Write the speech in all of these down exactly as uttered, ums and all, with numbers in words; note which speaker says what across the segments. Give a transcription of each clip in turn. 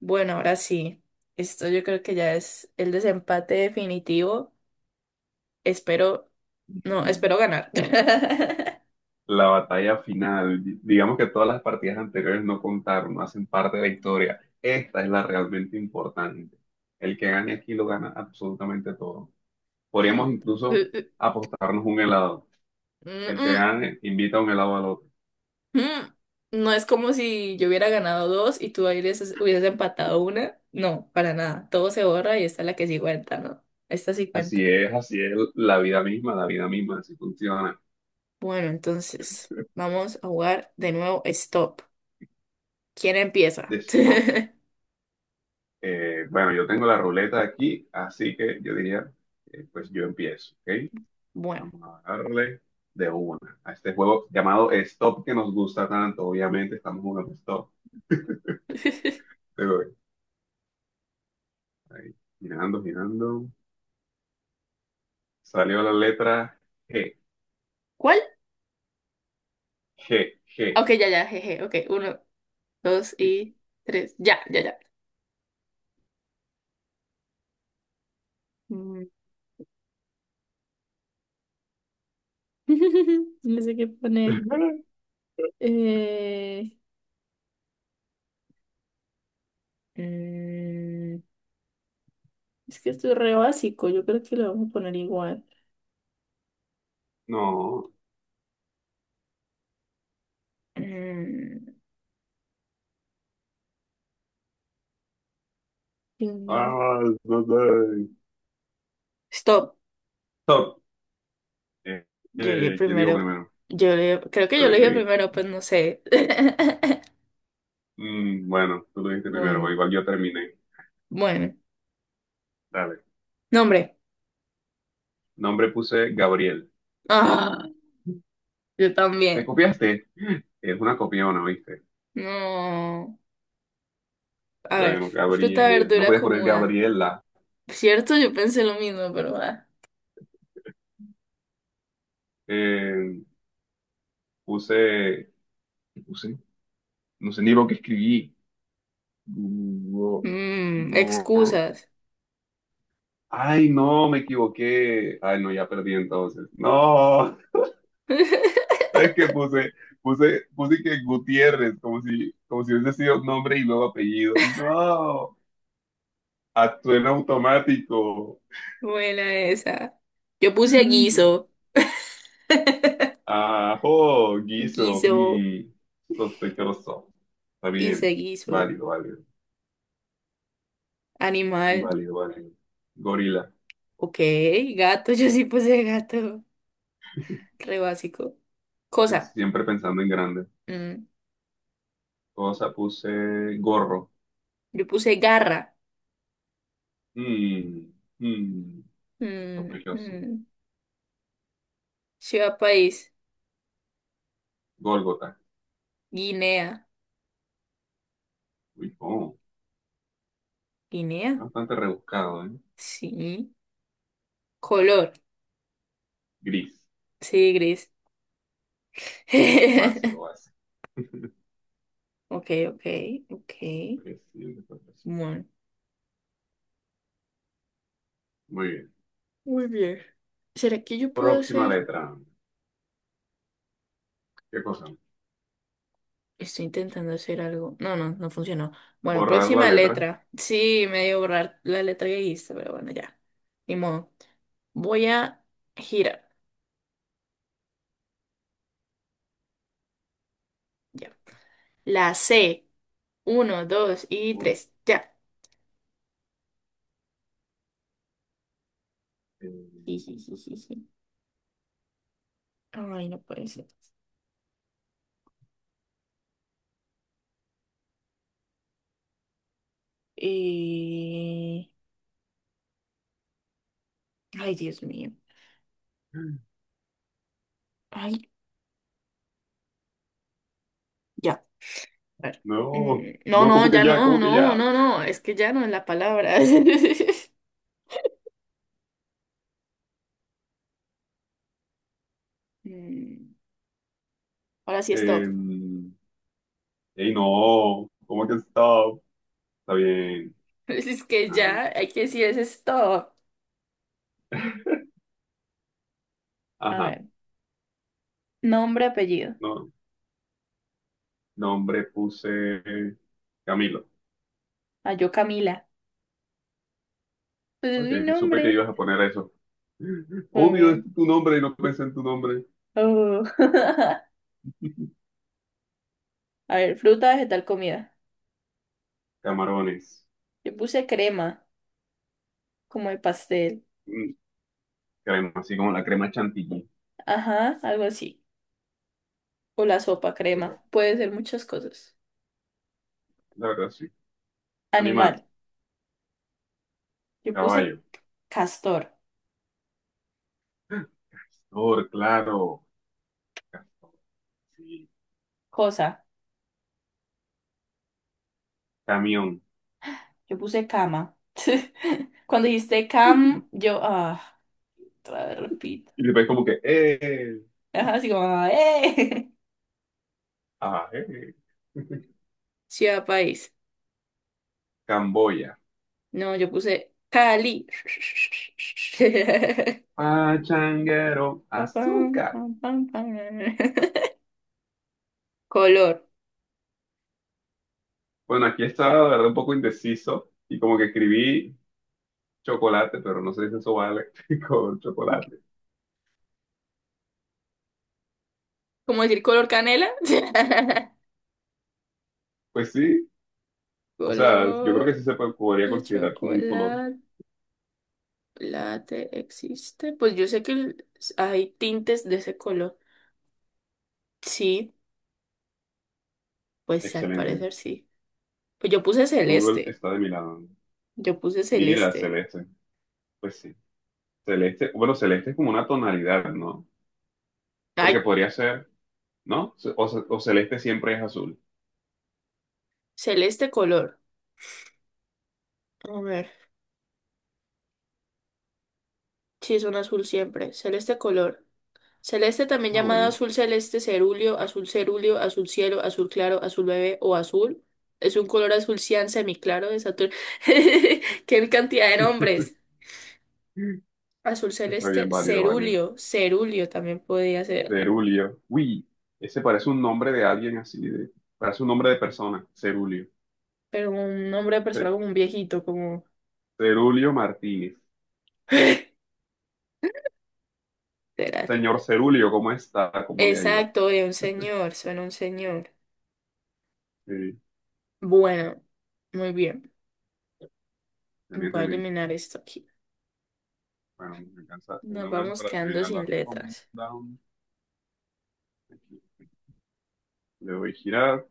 Speaker 1: Bueno, ahora sí. Esto yo creo que ya es el desempate definitivo. Espero, no, espero ganar.
Speaker 2: La batalla final, di- digamos que todas las partidas anteriores no contaron, no hacen parte de la historia. Esta es la realmente importante. El que gane aquí lo gana absolutamente todo. Podríamos
Speaker 1: Mm,
Speaker 2: incluso
Speaker 1: eh, eh,
Speaker 2: apostarnos un helado. El que
Speaker 1: mm,
Speaker 2: gane invita un helado al otro.
Speaker 1: mm, mm. No es como si yo hubiera ganado dos y tú hubieses, hubieses empatado una. No, para nada. Todo se borra y esta es la que sí cuenta, ¿no? Esta sí
Speaker 2: Así
Speaker 1: cuenta.
Speaker 2: es, así es la vida misma, la vida misma, así funciona.
Speaker 1: Bueno, entonces vamos a jugar de nuevo Stop. ¿Quién empieza?
Speaker 2: De stop. Eh, bueno, yo tengo la ruleta aquí, así que yo diría, eh, pues yo empiezo, ¿ok?
Speaker 1: Bueno.
Speaker 2: Vamos a darle de una a este juego llamado Stop que nos gusta tanto. Obviamente estamos jugando Stop. Pero eh, ahí, girando, girando. Salió la letra G,
Speaker 1: ¿Cuál?
Speaker 2: G, G.
Speaker 1: Ok, ya, ya, jeje. Ok, uno, dos
Speaker 2: Sí.
Speaker 1: y tres. Ya, ya, ya. Mm. No sé qué poner. Eh, Mm, es que esto es re básico. Yo creo que lo vamos a poner igual.
Speaker 2: No.
Speaker 1: mm. Dios mío.
Speaker 2: Ah, no sé.
Speaker 1: Stop.
Speaker 2: Stop. Eh,
Speaker 1: Yo llegué
Speaker 2: eh, ¿quién dijo
Speaker 1: primero.
Speaker 2: primero?
Speaker 1: Yo le- creo que yo lo dije
Speaker 2: Sí.
Speaker 1: primero, pues no sé.
Speaker 2: Mm, bueno, tú lo dijiste primero, pero
Speaker 1: Bueno,
Speaker 2: igual yo terminé.
Speaker 1: bueno.
Speaker 2: Dale.
Speaker 1: Nombre.
Speaker 2: Nombre puse Gabriel.
Speaker 1: Ah, yo
Speaker 2: ¿Te
Speaker 1: también.
Speaker 2: copiaste? Es una copiona, ¿viste?
Speaker 1: No. A ver,
Speaker 2: Bueno,
Speaker 1: fruta,
Speaker 2: Gabriel. No
Speaker 1: verdura,
Speaker 2: podías poner
Speaker 1: cómoda.
Speaker 2: Gabriela.
Speaker 1: Cierto, yo pensé lo mismo, pero va.
Speaker 2: eh, puse, puse, no sé ni lo que escribí. Gu-
Speaker 1: Mm,
Speaker 2: gu-
Speaker 1: excusas.
Speaker 2: Ay, no, me equivoqué. Ay, no, ya perdí entonces. No, ¿sabes qué puse? Puse, puse que Gutiérrez, como si, como si hubiese sido nombre y luego apellido. No, actué en automático.
Speaker 1: Buena esa. Yo
Speaker 2: Qué
Speaker 1: puse
Speaker 2: risa.
Speaker 1: guiso,
Speaker 2: Ajo, guiso,
Speaker 1: guiso,
Speaker 2: mm, sospechoso. Está
Speaker 1: hice
Speaker 2: bien,
Speaker 1: guiso.
Speaker 2: válido, válido,
Speaker 1: Animal,
Speaker 2: válido, válido. Gorila.
Speaker 1: ok. Gato, yo sí puse gato. Re básico. Cosa,
Speaker 2: Siempre pensando en grande.
Speaker 1: mm,
Speaker 2: Cosa puse gorro.
Speaker 1: yo puse garra.
Speaker 2: Mm, mm,
Speaker 1: Mm,
Speaker 2: sospechoso.
Speaker 1: mm. Ciudad, país,
Speaker 2: Gólgota.
Speaker 1: Guinea.
Speaker 2: Uy, oh,
Speaker 1: ¿Guinea?
Speaker 2: bastante rebuscado, ¿eh?
Speaker 1: Sí. Color,
Speaker 2: Gris.
Speaker 1: sí, gris.
Speaker 2: Básico, básico.
Speaker 1: Ok, ok, ok.
Speaker 2: Pues, sí, pues, sí.
Speaker 1: Bueno.
Speaker 2: Muy bien.
Speaker 1: Muy bien. ¿Será que yo puedo
Speaker 2: Próxima
Speaker 1: hacer?
Speaker 2: letra. ¿Qué cosa?
Speaker 1: Estoy intentando hacer algo. No, no, no funcionó. Bueno,
Speaker 2: Borrar la
Speaker 1: próxima
Speaker 2: letra.
Speaker 1: letra. Sí, me dio borrar la letra que hice, pero bueno, ya. Ni modo. Voy a girar. Ya. La ce. Uno, dos y
Speaker 2: Uy,
Speaker 1: tres. Ya.
Speaker 2: eh,
Speaker 1: Jijijiji. Ay, no puede ser. Eh, Ay, Dios mío. Ay, ya. A ver.
Speaker 2: No,
Speaker 1: Mm, No,
Speaker 2: no,
Speaker 1: no,
Speaker 2: ¿cómo que
Speaker 1: ya
Speaker 2: ya?
Speaker 1: no,
Speaker 2: ¿Cómo que
Speaker 1: no,
Speaker 2: ya?
Speaker 1: no, no. Es que ya no es la palabra. Mm, Ahora sí,
Speaker 2: Eh,
Speaker 1: stop.
Speaker 2: ey, no, ¿cómo que stop? Está bien.
Speaker 1: Pues es que
Speaker 2: Ajá,
Speaker 1: ya, hay que decir eso es todo. A
Speaker 2: ajá.
Speaker 1: ver, nombre, apellido.
Speaker 2: No. Nombre puse Camilo.
Speaker 1: Ah, yo Camila. Pues es
Speaker 2: Ok,
Speaker 1: mi
Speaker 2: supe que
Speaker 1: nombre.
Speaker 2: ibas a poner eso.
Speaker 1: A
Speaker 2: Obvio, es
Speaker 1: ver.
Speaker 2: tu nombre y no pensé en tu nombre.
Speaker 1: Oh. A ver, fruta, vegetal, comida.
Speaker 2: Camarones.
Speaker 1: Yo puse crema, como de pastel.
Speaker 2: Mm, crema, así como la crema chantilly.
Speaker 1: Ajá, algo así. O la sopa,
Speaker 2: Súper.
Speaker 1: crema. Puede ser muchas cosas.
Speaker 2: La verdad, sí. Animal.
Speaker 1: Animal. Yo puse
Speaker 2: Caballo.
Speaker 1: castor.
Speaker 2: Castor, claro. Castor, sí.
Speaker 1: Cosa.
Speaker 2: Camión.
Speaker 1: Yo puse cama. Cuando dijiste cam, yo, ah, otra vez repito.
Speaker 2: Y después como que, eh,
Speaker 1: Ajá, así como, ¡eh!
Speaker 2: ah, eh.
Speaker 1: Ciudad, país.
Speaker 2: Camboya.
Speaker 1: No, yo puse Cali.
Speaker 2: Pachanguero.
Speaker 1: Pa, pam,
Speaker 2: Azúcar.
Speaker 1: pam, pam, pam. Color.
Speaker 2: Bueno, aquí estaba, la verdad, un poco indeciso y como que escribí chocolate, pero no se dice sobal con chocolate.
Speaker 1: ¿Cómo decir color canela?
Speaker 2: Pues sí, o sea, yo creo que
Speaker 1: Color
Speaker 2: sí se po- podría
Speaker 1: de
Speaker 2: considerar como un color.
Speaker 1: chocolate. Existe. Pues yo sé que el- hay tintes de ese color. Sí, pues al
Speaker 2: Excelente.
Speaker 1: parecer sí. Pues yo puse
Speaker 2: Google
Speaker 1: celeste.
Speaker 2: está de mi lado.
Speaker 1: Yo puse
Speaker 2: Mira,
Speaker 1: celeste.
Speaker 2: celeste. Pues sí. Celeste, bueno, celeste es como una tonalidad, ¿no? Porque
Speaker 1: Ay,
Speaker 2: podría ser, ¿no? Ce- O, ce- o celeste siempre es azul.
Speaker 1: celeste color. A ver. Sí, es un azul siempre. Celeste color. Celeste, también
Speaker 2: Ah,
Speaker 1: llamado
Speaker 2: bueno.
Speaker 1: azul celeste, cerúleo, azul cerúleo, azul cielo, azul claro, azul bebé o azul, es un color azul cian semiclaro de Saturno. ¡Qué cantidad de nombres! Azul
Speaker 2: Está
Speaker 1: celeste,
Speaker 2: bien, válido, válido.
Speaker 1: cerúleo, cerúleo también podía ser,
Speaker 2: Cerulio. Uy, ese parece un nombre de alguien así, de- parece un nombre de persona. Cerulio.
Speaker 1: pero un nombre de persona
Speaker 2: Ce-
Speaker 1: como un viejito, como...
Speaker 2: Cerulio Martínez.
Speaker 1: Literal.
Speaker 2: Señor Cerulio, ¿cómo está? ¿Cómo le ha ido?
Speaker 1: Exacto, de un señor, suena un señor.
Speaker 2: Sí,
Speaker 1: Bueno, muy bien. Voy a
Speaker 2: evidentemente.
Speaker 1: eliminar esto aquí.
Speaker 2: Bueno, me alcanza una
Speaker 1: Nos
Speaker 2: más
Speaker 1: vamos
Speaker 2: para
Speaker 1: quedando
Speaker 2: terminar
Speaker 1: sin
Speaker 2: la
Speaker 1: letras.
Speaker 2: ronda. Aquí le doy girar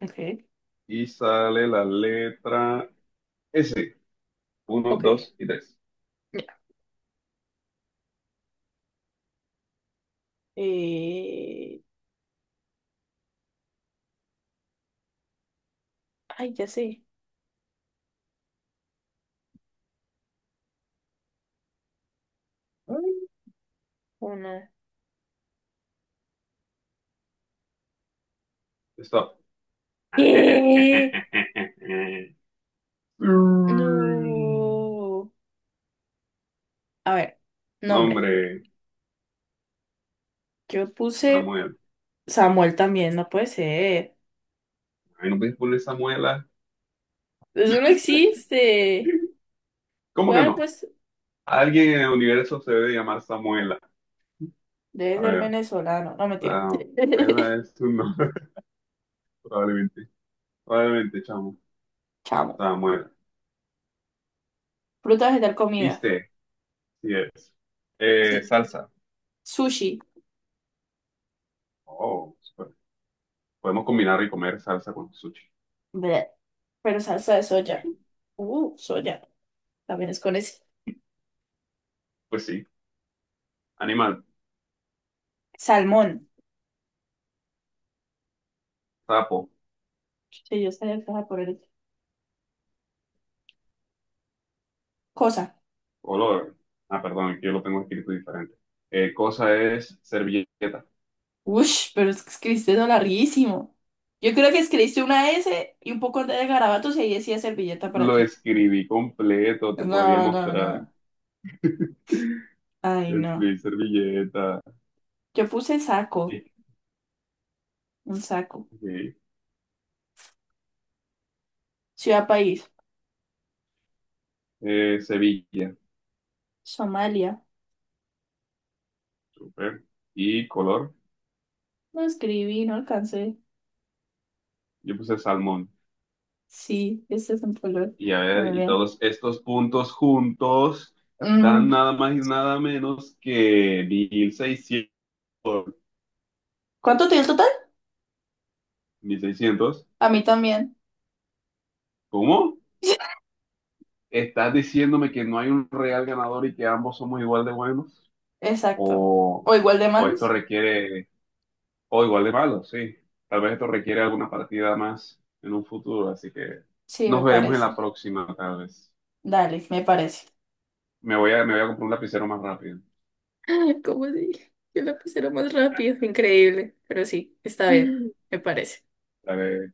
Speaker 1: Ok.
Speaker 2: y sale la letra S. Uno,
Speaker 1: Ok,
Speaker 2: dos y tres.
Speaker 1: ya. Eh, Ay, ya sé.
Speaker 2: Ay,
Speaker 1: Uno.
Speaker 2: stop.
Speaker 1: ¿Qué?
Speaker 2: Mm.
Speaker 1: No. A ver,
Speaker 2: No,
Speaker 1: nombre.
Speaker 2: hombre,
Speaker 1: Yo puse
Speaker 2: Samuel.
Speaker 1: Samuel también, no puede ser.
Speaker 2: Ay, no puedes poner Samuela.
Speaker 1: Eso no existe.
Speaker 2: ¿Cómo que
Speaker 1: Bueno,
Speaker 2: no?
Speaker 1: pues
Speaker 2: Alguien en el universo se debe llamar Samuela.
Speaker 1: debe
Speaker 2: A
Speaker 1: ser
Speaker 2: ver,
Speaker 1: venezolano. No, mentira.
Speaker 2: Samuela es tu nombre, probablemente. Probablemente, chamo.
Speaker 1: Chamo.
Speaker 2: Estaba muerta.
Speaker 1: Fruta, vegetal, comida.
Speaker 2: ¿Viste? Sí es. Eh,
Speaker 1: Sí.
Speaker 2: salsa.
Speaker 1: Sushi.
Speaker 2: Oh, super. Podemos combinar y comer salsa con sushi.
Speaker 1: Bleh. Pero salsa de soya. Uh, soya. También es con ese.
Speaker 2: Pues sí. Animal,
Speaker 1: Salmón.
Speaker 2: sapo,
Speaker 1: Sí, yo sabía que estaba por el... Cosa.
Speaker 2: olor. Ah, perdón, aquí yo lo tengo escrito diferente. Eh, cosa es servilleta.
Speaker 1: Ush, pero es que escribiste eso larguísimo. Yo creo que escribiste una ese y un poco de garabatos y ahí decía servilleta para
Speaker 2: Lo
Speaker 1: ti.
Speaker 2: escribí completo, te podría
Speaker 1: No, no,
Speaker 2: mostrar.
Speaker 1: no. Ay, no.
Speaker 2: Escribí servilleta.
Speaker 1: Yo puse saco,
Speaker 2: Sí.
Speaker 1: un saco.
Speaker 2: Eh,
Speaker 1: Ciudad, país.
Speaker 2: eh, Sevilla.
Speaker 1: Somalia.
Speaker 2: Super. Y color.
Speaker 1: No escribí, no alcancé.
Speaker 2: Yo puse salmón.
Speaker 1: Sí, este es un color.
Speaker 2: Y a
Speaker 1: Muy
Speaker 2: ver, y
Speaker 1: bien.
Speaker 2: todos estos puntos juntos dan
Speaker 1: Mm,
Speaker 2: nada más y nada menos que mil seiscientos.
Speaker 1: ¿Cuánto tiene el total?
Speaker 2: Mil seiscientos.
Speaker 1: A mí también.
Speaker 2: ¿Cómo? ¿Estás diciéndome que no hay un real ganador y que ambos somos igual de buenos?
Speaker 1: Exacto.
Speaker 2: ¿O,
Speaker 1: ¿O igual de
Speaker 2: o esto
Speaker 1: malos?
Speaker 2: requiere, o igual de malos? Sí. Tal vez esto requiere alguna partida más en un futuro, así que
Speaker 1: Sí, me
Speaker 2: nos veremos en la
Speaker 1: parece.
Speaker 2: próxima, tal vez.
Speaker 1: Dale, me parece.
Speaker 2: Me voy a, me voy a comprar un lapicero más rápido.
Speaker 1: ¿Cómo dije, yo la puse más rápido, increíble, pero sí, está bien, me parece.
Speaker 2: Dale.